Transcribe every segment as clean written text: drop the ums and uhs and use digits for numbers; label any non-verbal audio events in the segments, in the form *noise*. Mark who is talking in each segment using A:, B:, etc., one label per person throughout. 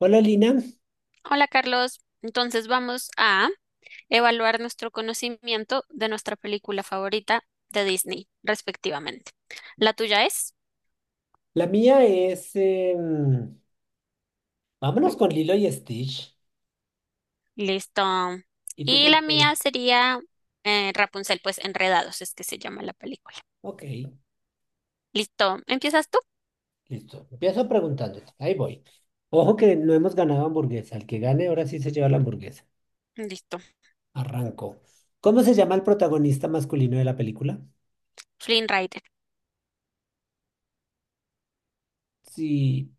A: Hola Lina,
B: Hola Carlos, entonces vamos a evaluar nuestro conocimiento de nuestra película favorita de Disney, respectivamente. La tuya es,
A: la mía es vámonos con Lilo y Stitch.
B: listo.
A: ¿Y tú
B: Y
A: cuál
B: la
A: quieres?
B: mía sería Rapunzel, pues Enredados es que se llama la película.
A: Ok,
B: Listo, ¿empiezas tú?
A: listo. Empiezo preguntándote. Ahí voy. Ojo que no hemos ganado hamburguesa. El que gane ahora sí se lleva la hamburguesa.
B: Listo,
A: Arranco. ¿Cómo se llama el protagonista masculino de la película?
B: Flynn Rider
A: Sí,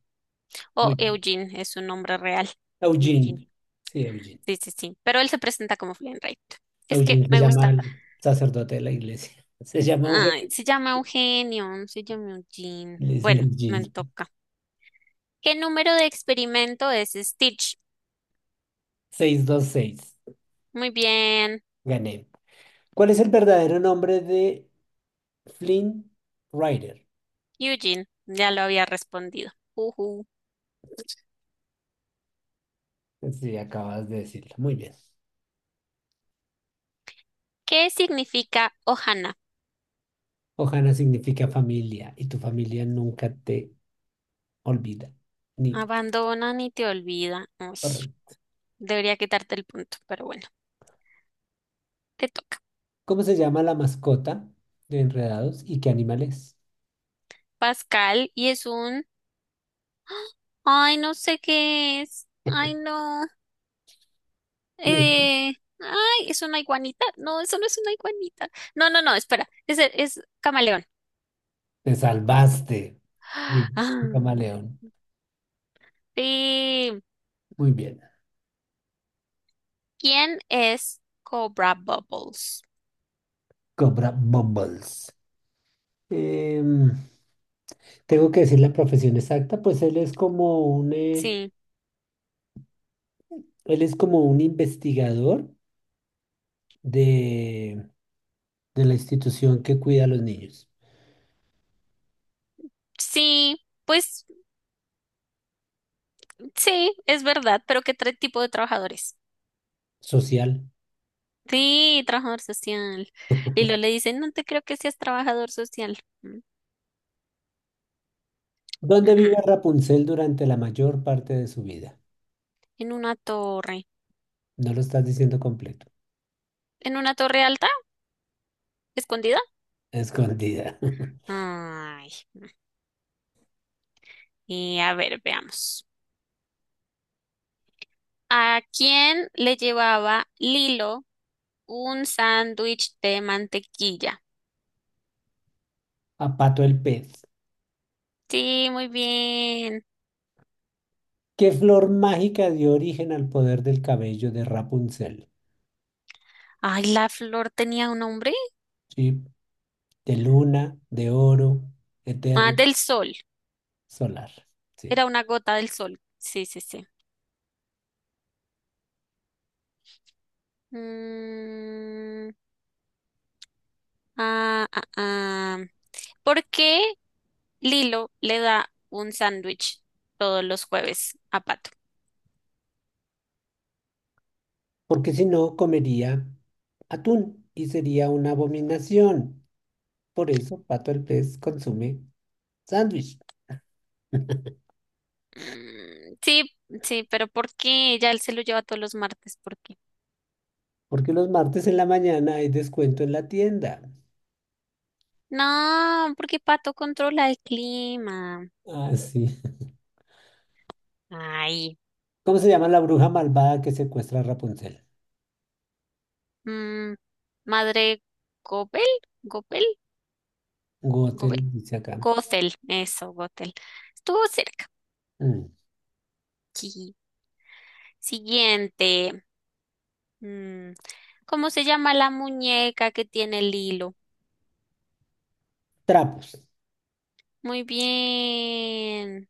B: o
A: muy bien.
B: Eugene es su nombre real. Eugene,
A: Eugene. Sí, Eugene.
B: sí, sí, sí, pero él se presenta como Flynn Rider. Es que
A: Eugene se
B: me
A: llama
B: gusta.
A: el sacerdote de la iglesia. Se llama Eugene.
B: Ay, se llama Eugenio, se llama Eugene.
A: Le dicen
B: Bueno, me
A: Eugene.
B: toca. ¿Qué número de experimento es Stitch?
A: 626.
B: Muy bien,
A: Gané. ¿Cuál es el verdadero nombre de Flynn Rider?
B: Eugene, ya lo había respondido. Ujú.
A: Sí, acabas de decirlo. Muy bien.
B: ¿Qué significa Ohana?
A: Ohana significa familia y tu familia nunca te olvida. Ni
B: Abandonan y te olvidan. Uy,
A: horror.
B: debería quitarte el punto, pero bueno, te toca.
A: ¿Cómo se llama la mascota de Enredados y qué animal es?
B: Pascal, y es un... Ay, no sé qué es. Ay, no.
A: Me-
B: Eh... Ay, es una iguanita. No, eso no es una iguanita. No, no, no, espera. Es camaleón.
A: Te salvaste. Sí,
B: *gasps* Ah,
A: un camaleón.
B: sí.
A: Muy bien.
B: ¿Quién es Cobra Bubbles?
A: Cobra Bumbles. Em, Tengo que decir la profesión exacta, pues él es como un,
B: Sí,
A: él es como un investigador de. De la institución que cuida a los niños.
B: sí, pues sí, es verdad, pero tipo de trabajadores?
A: Social,
B: Sí, trabajador social. Y luego le dicen, no te creo que seas trabajador social. Mm,
A: ¿dónde
B: mm.
A: vive Rapunzel durante la mayor parte de su vida?
B: En una torre.
A: No lo estás diciendo completo.
B: ¿En una torre alta? ¿Escondida?
A: Escondida.
B: Ay. Mm. Y a ver, veamos. ¿A quién le llevaba Lilo un sándwich de mantequilla?
A: *laughs* A Pato el pez.
B: Sí, muy bien.
A: ¿Qué flor mágica dio origen al poder del cabello de Rapunzel?
B: Ay, la flor tenía un nombre.
A: Sí, de luna, de oro,
B: Ah,
A: eterno,
B: del sol.
A: solar. Sí.
B: Era una gota del sol. Sí, sí, sí. Mm, ah, ah, ah. ¿Por qué Lilo le da un sándwich todos los jueves a Pato?
A: Porque si no, comería atún y sería una abominación. Por eso, Pato el pez consume sándwich.
B: Mm, sí, sí, pero ¿por qué? Ya él se lo lleva todos los martes. ¿Por qué?
A: Porque los martes en la mañana hay descuento en la tienda.
B: No, porque Pato controla el clima.
A: Ah, sí.
B: Ay.
A: ¿Cómo se llama la bruja malvada que secuestra a Rapunzel?
B: Mm, madre Gobel, Gobel, Gobel,
A: Gothel, dice acá.
B: Gothel. Eso, Gothel. Estuvo cerca.
A: Mm.
B: Sí. Siguiente. Mm, ¿Cómo se llama la muñeca que tiene el hilo?
A: Trapos.
B: Muy bien.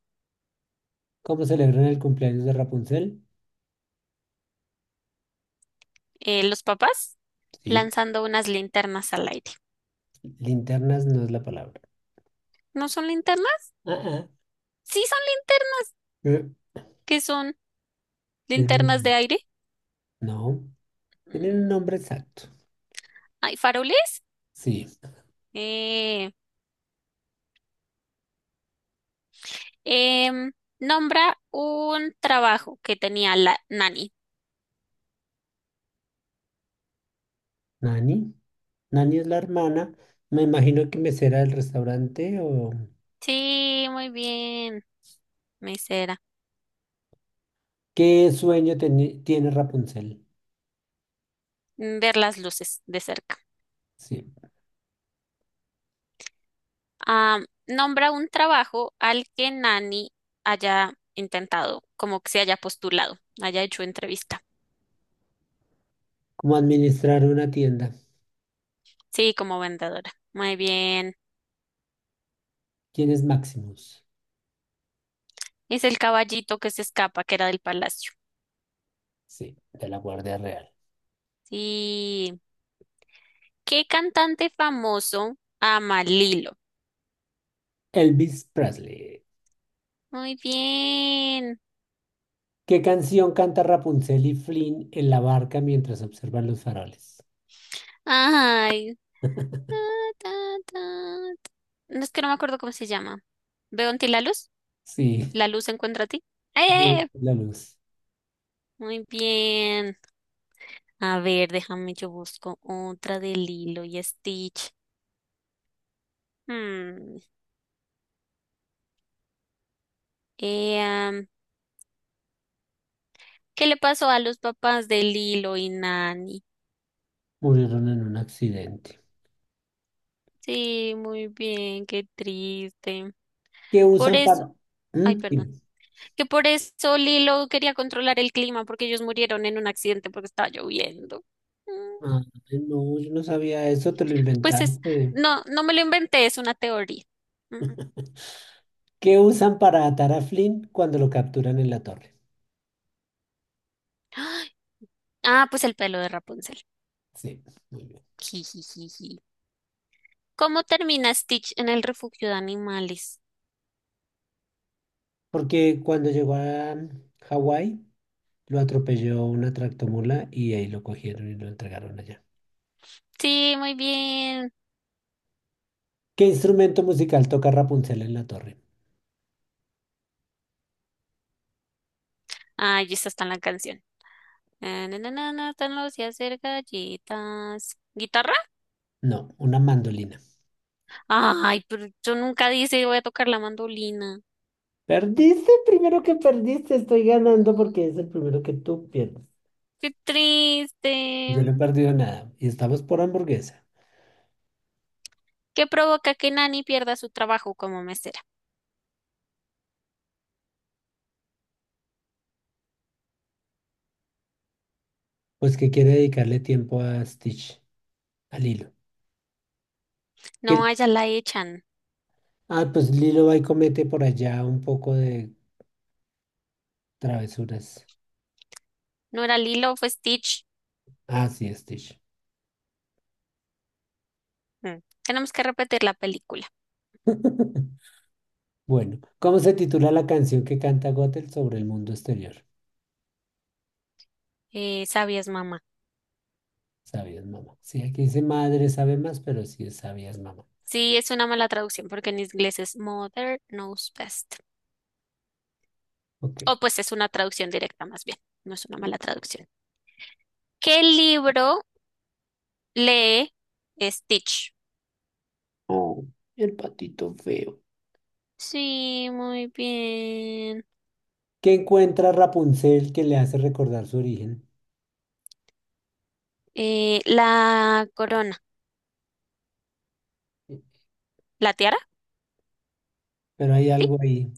A: ¿Cómo celebran el cumpleaños de Rapunzel?
B: Los papás
A: Sí.
B: lanzando unas linternas al aire.
A: Linternas no es la palabra.
B: ¿No son linternas?
A: Ah, ah.
B: Sí, son linternas.
A: Eh,
B: ¿Qué son?
A: tienen
B: ¿Linternas de
A: un-
B: aire?
A: No. Tienen un
B: Mm,
A: nombre exacto.
B: ¿Hay faroles?
A: Sí.
B: Eh, em, nombra un trabajo que tenía la nani.
A: Nani. Nani es la hermana. Me imagino que mesera del restaurante o...
B: Sí, muy bien, mesera.
A: ¿Qué sueño teni- tiene Rapunzel?
B: Ver las luces de cerca.
A: Sí.
B: Ah, nombra un trabajo al que Nani haya intentado, como que se haya postulado, haya hecho entrevista.
A: ¿Cómo administrar una tienda?
B: Sí, como vendedora. Muy bien.
A: ¿Quién es Maximus?
B: Es el caballito que se escapa, que era del palacio.
A: Sí, de la Guardia Real.
B: Sí. ¿Qué cantante famoso ama Lilo?
A: Elvis Presley.
B: Muy bien.
A: ¿Qué canción canta Rapunzel y Flynn en la barca mientras observan los faroles?
B: Ay. Ta, ta, ta, ta. No es que no me acuerdo cómo se llama. ¿Veo en ti la luz?
A: Sí,
B: ¿La luz encuentra a ti? ¡Eh!
A: *laughs* la luz.
B: Muy bien. A ver, déjame, yo busco otra de Lilo y Stitch. Hmm, eh, am, ¿Qué le pasó a los papás de Lilo y Nani?
A: Murieron en un accidente.
B: Sí, muy bien, qué triste.
A: ¿Qué
B: Por
A: usan
B: eso,
A: para...?
B: ay,
A: ¿Mm?
B: perdón,
A: Sí.
B: que por eso Lilo quería controlar el clima porque ellos murieron en un accidente porque estaba lloviendo. Mm,
A: Ah, no, yo no sabía eso, te lo
B: pues es,
A: inventaste.
B: no, no me lo inventé, es una teoría. Mm.
A: ¿Qué usan para atar a Flynn cuando lo capturan en la torre?
B: ¡Ay! Ah, pues el pelo de Rapunzel.
A: Sí, muy bien.
B: Jijijiji. ¿Cómo termina Stitch en el refugio de animales?
A: Porque cuando llegó a Hawái, lo atropelló una tractomula y ahí lo cogieron y lo entregaron allá.
B: Sí, muy bien.
A: ¿Qué instrumento musical toca Rapunzel en la torre?
B: Ah, y esta está en la canción. Na, na, na, na, na, están los días de galletas. ¿Guitarra?
A: No, una mandolina.
B: Ay, pero yo nunca dije voy a tocar la mandolina.
A: Perdiste, primero que perdiste, estoy ganando porque es el primero que tú pierdes.
B: Qué
A: Yo
B: triste.
A: no he perdido nada y estamos por hamburguesa.
B: ¿Qué provoca que Nani pierda su trabajo como mesera?
A: Pues que quiere dedicarle tiempo a Stitch, a Lilo.
B: No,
A: ¿Qué-
B: a ella la echan.
A: Ah, pues Lilo va y comete por allá un poco de travesuras.
B: No era Lilo, fue Stitch.
A: Ah, sí, Stitch.
B: Mm. Tenemos que repetir la película.
A: *laughs* Bueno, ¿cómo se titula la canción que canta Gothel sobre el mundo exterior?
B: Sabias, mamá.
A: Sabías, mamá. Sí, aquí dice madre sabe más, pero sí es sabías, mamá.
B: Sí, es una mala traducción porque en inglés es Mother Knows Best.
A: Ok.
B: O pues es una traducción directa más bien. No es una mala traducción. ¿Qué libro lee Stitch?
A: Oh, el patito feo.
B: Sí, muy bien.
A: ¿Qué encuentra Rapunzel que le hace recordar su origen?
B: La corona. ¿La tiara?
A: Pero hay
B: Sí.
A: algo ahí,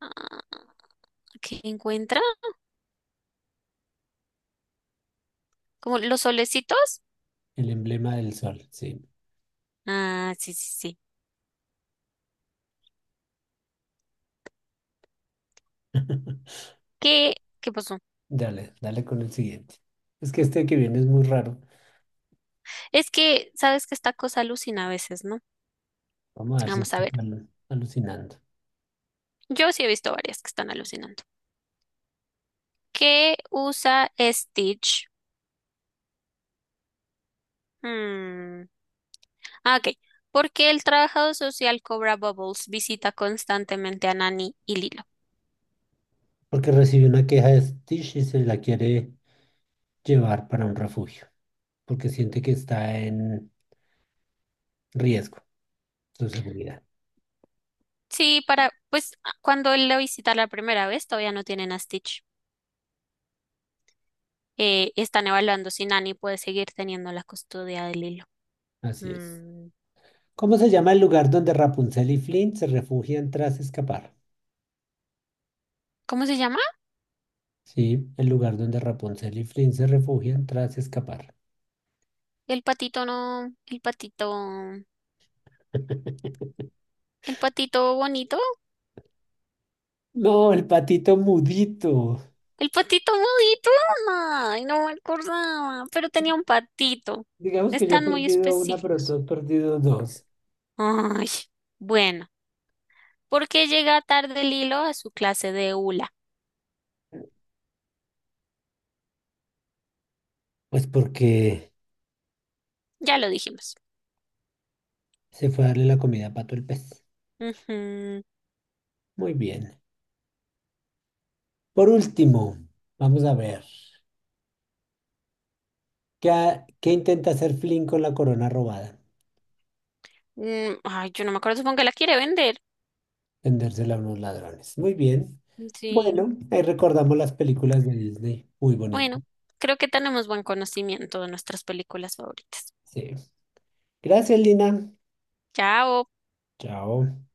B: Ah, ¿qué encuentra? ¿Como los solecitos?
A: el emblema del sol, sí.
B: Ah, sí, sí, sí.
A: *laughs*
B: ¿Qué, ¿qué pasó?
A: Dale con el siguiente. Es que este que viene es muy raro.
B: Es que, sabes que esta cosa alucina a veces, ¿no?
A: Vamos a ver si
B: Vamos a
A: estoy
B: ver.
A: alucinando.
B: Yo sí he visto varias que están alucinando. ¿Qué usa Stitch? Hmm. Ah, ok. ¿Por qué el trabajador social Cobra Bubbles visita constantemente a Nani y Lilo?
A: Porque recibió una queja de Stitch y se la quiere llevar para un refugio, porque siente que está en riesgo su seguridad.
B: Sí, para, pues a- cuando él lo visita la primera vez, todavía no tienen a Stitch. Están evaluando si Nani puede seguir teniendo la custodia de Lilo.
A: Así es.
B: Mm,
A: ¿Cómo se llama el lugar donde Rapunzel y Flynn se refugian tras escapar?
B: ¿Cómo se llama?
A: Sí, el lugar donde Rapunzel y Flynn se refugian tras escapar.
B: El patito no,
A: *laughs*
B: el patito bonito,
A: No, el patito mudito.
B: el patito bonito. Ay, no me acordaba, pero tenía un patito.
A: Digamos que yo he
B: Están muy
A: perdido una, pero tú
B: específicos.
A: has perdido dos.
B: Ay, bueno, ¿por qué llega tarde Lilo a su clase de hula?
A: Pues porque
B: Ya lo dijimos.
A: se fue a darle la comida a Pato el pez.
B: Ujú.
A: Muy bien. Por último, vamos a ver. ¿Qué, ha- qué intenta hacer Flynn con la corona robada?
B: Mm, ay, yo no me acuerdo, supongo que la quiere vender.
A: Vendérsela a unos ladrones. Muy bien.
B: Sí,
A: Bueno, ahí recordamos las películas de Disney. Muy bonito.
B: bueno, creo que tenemos buen conocimiento de nuestras películas favoritas.
A: Sí. Gracias, Lina.
B: Chao.
A: Chao.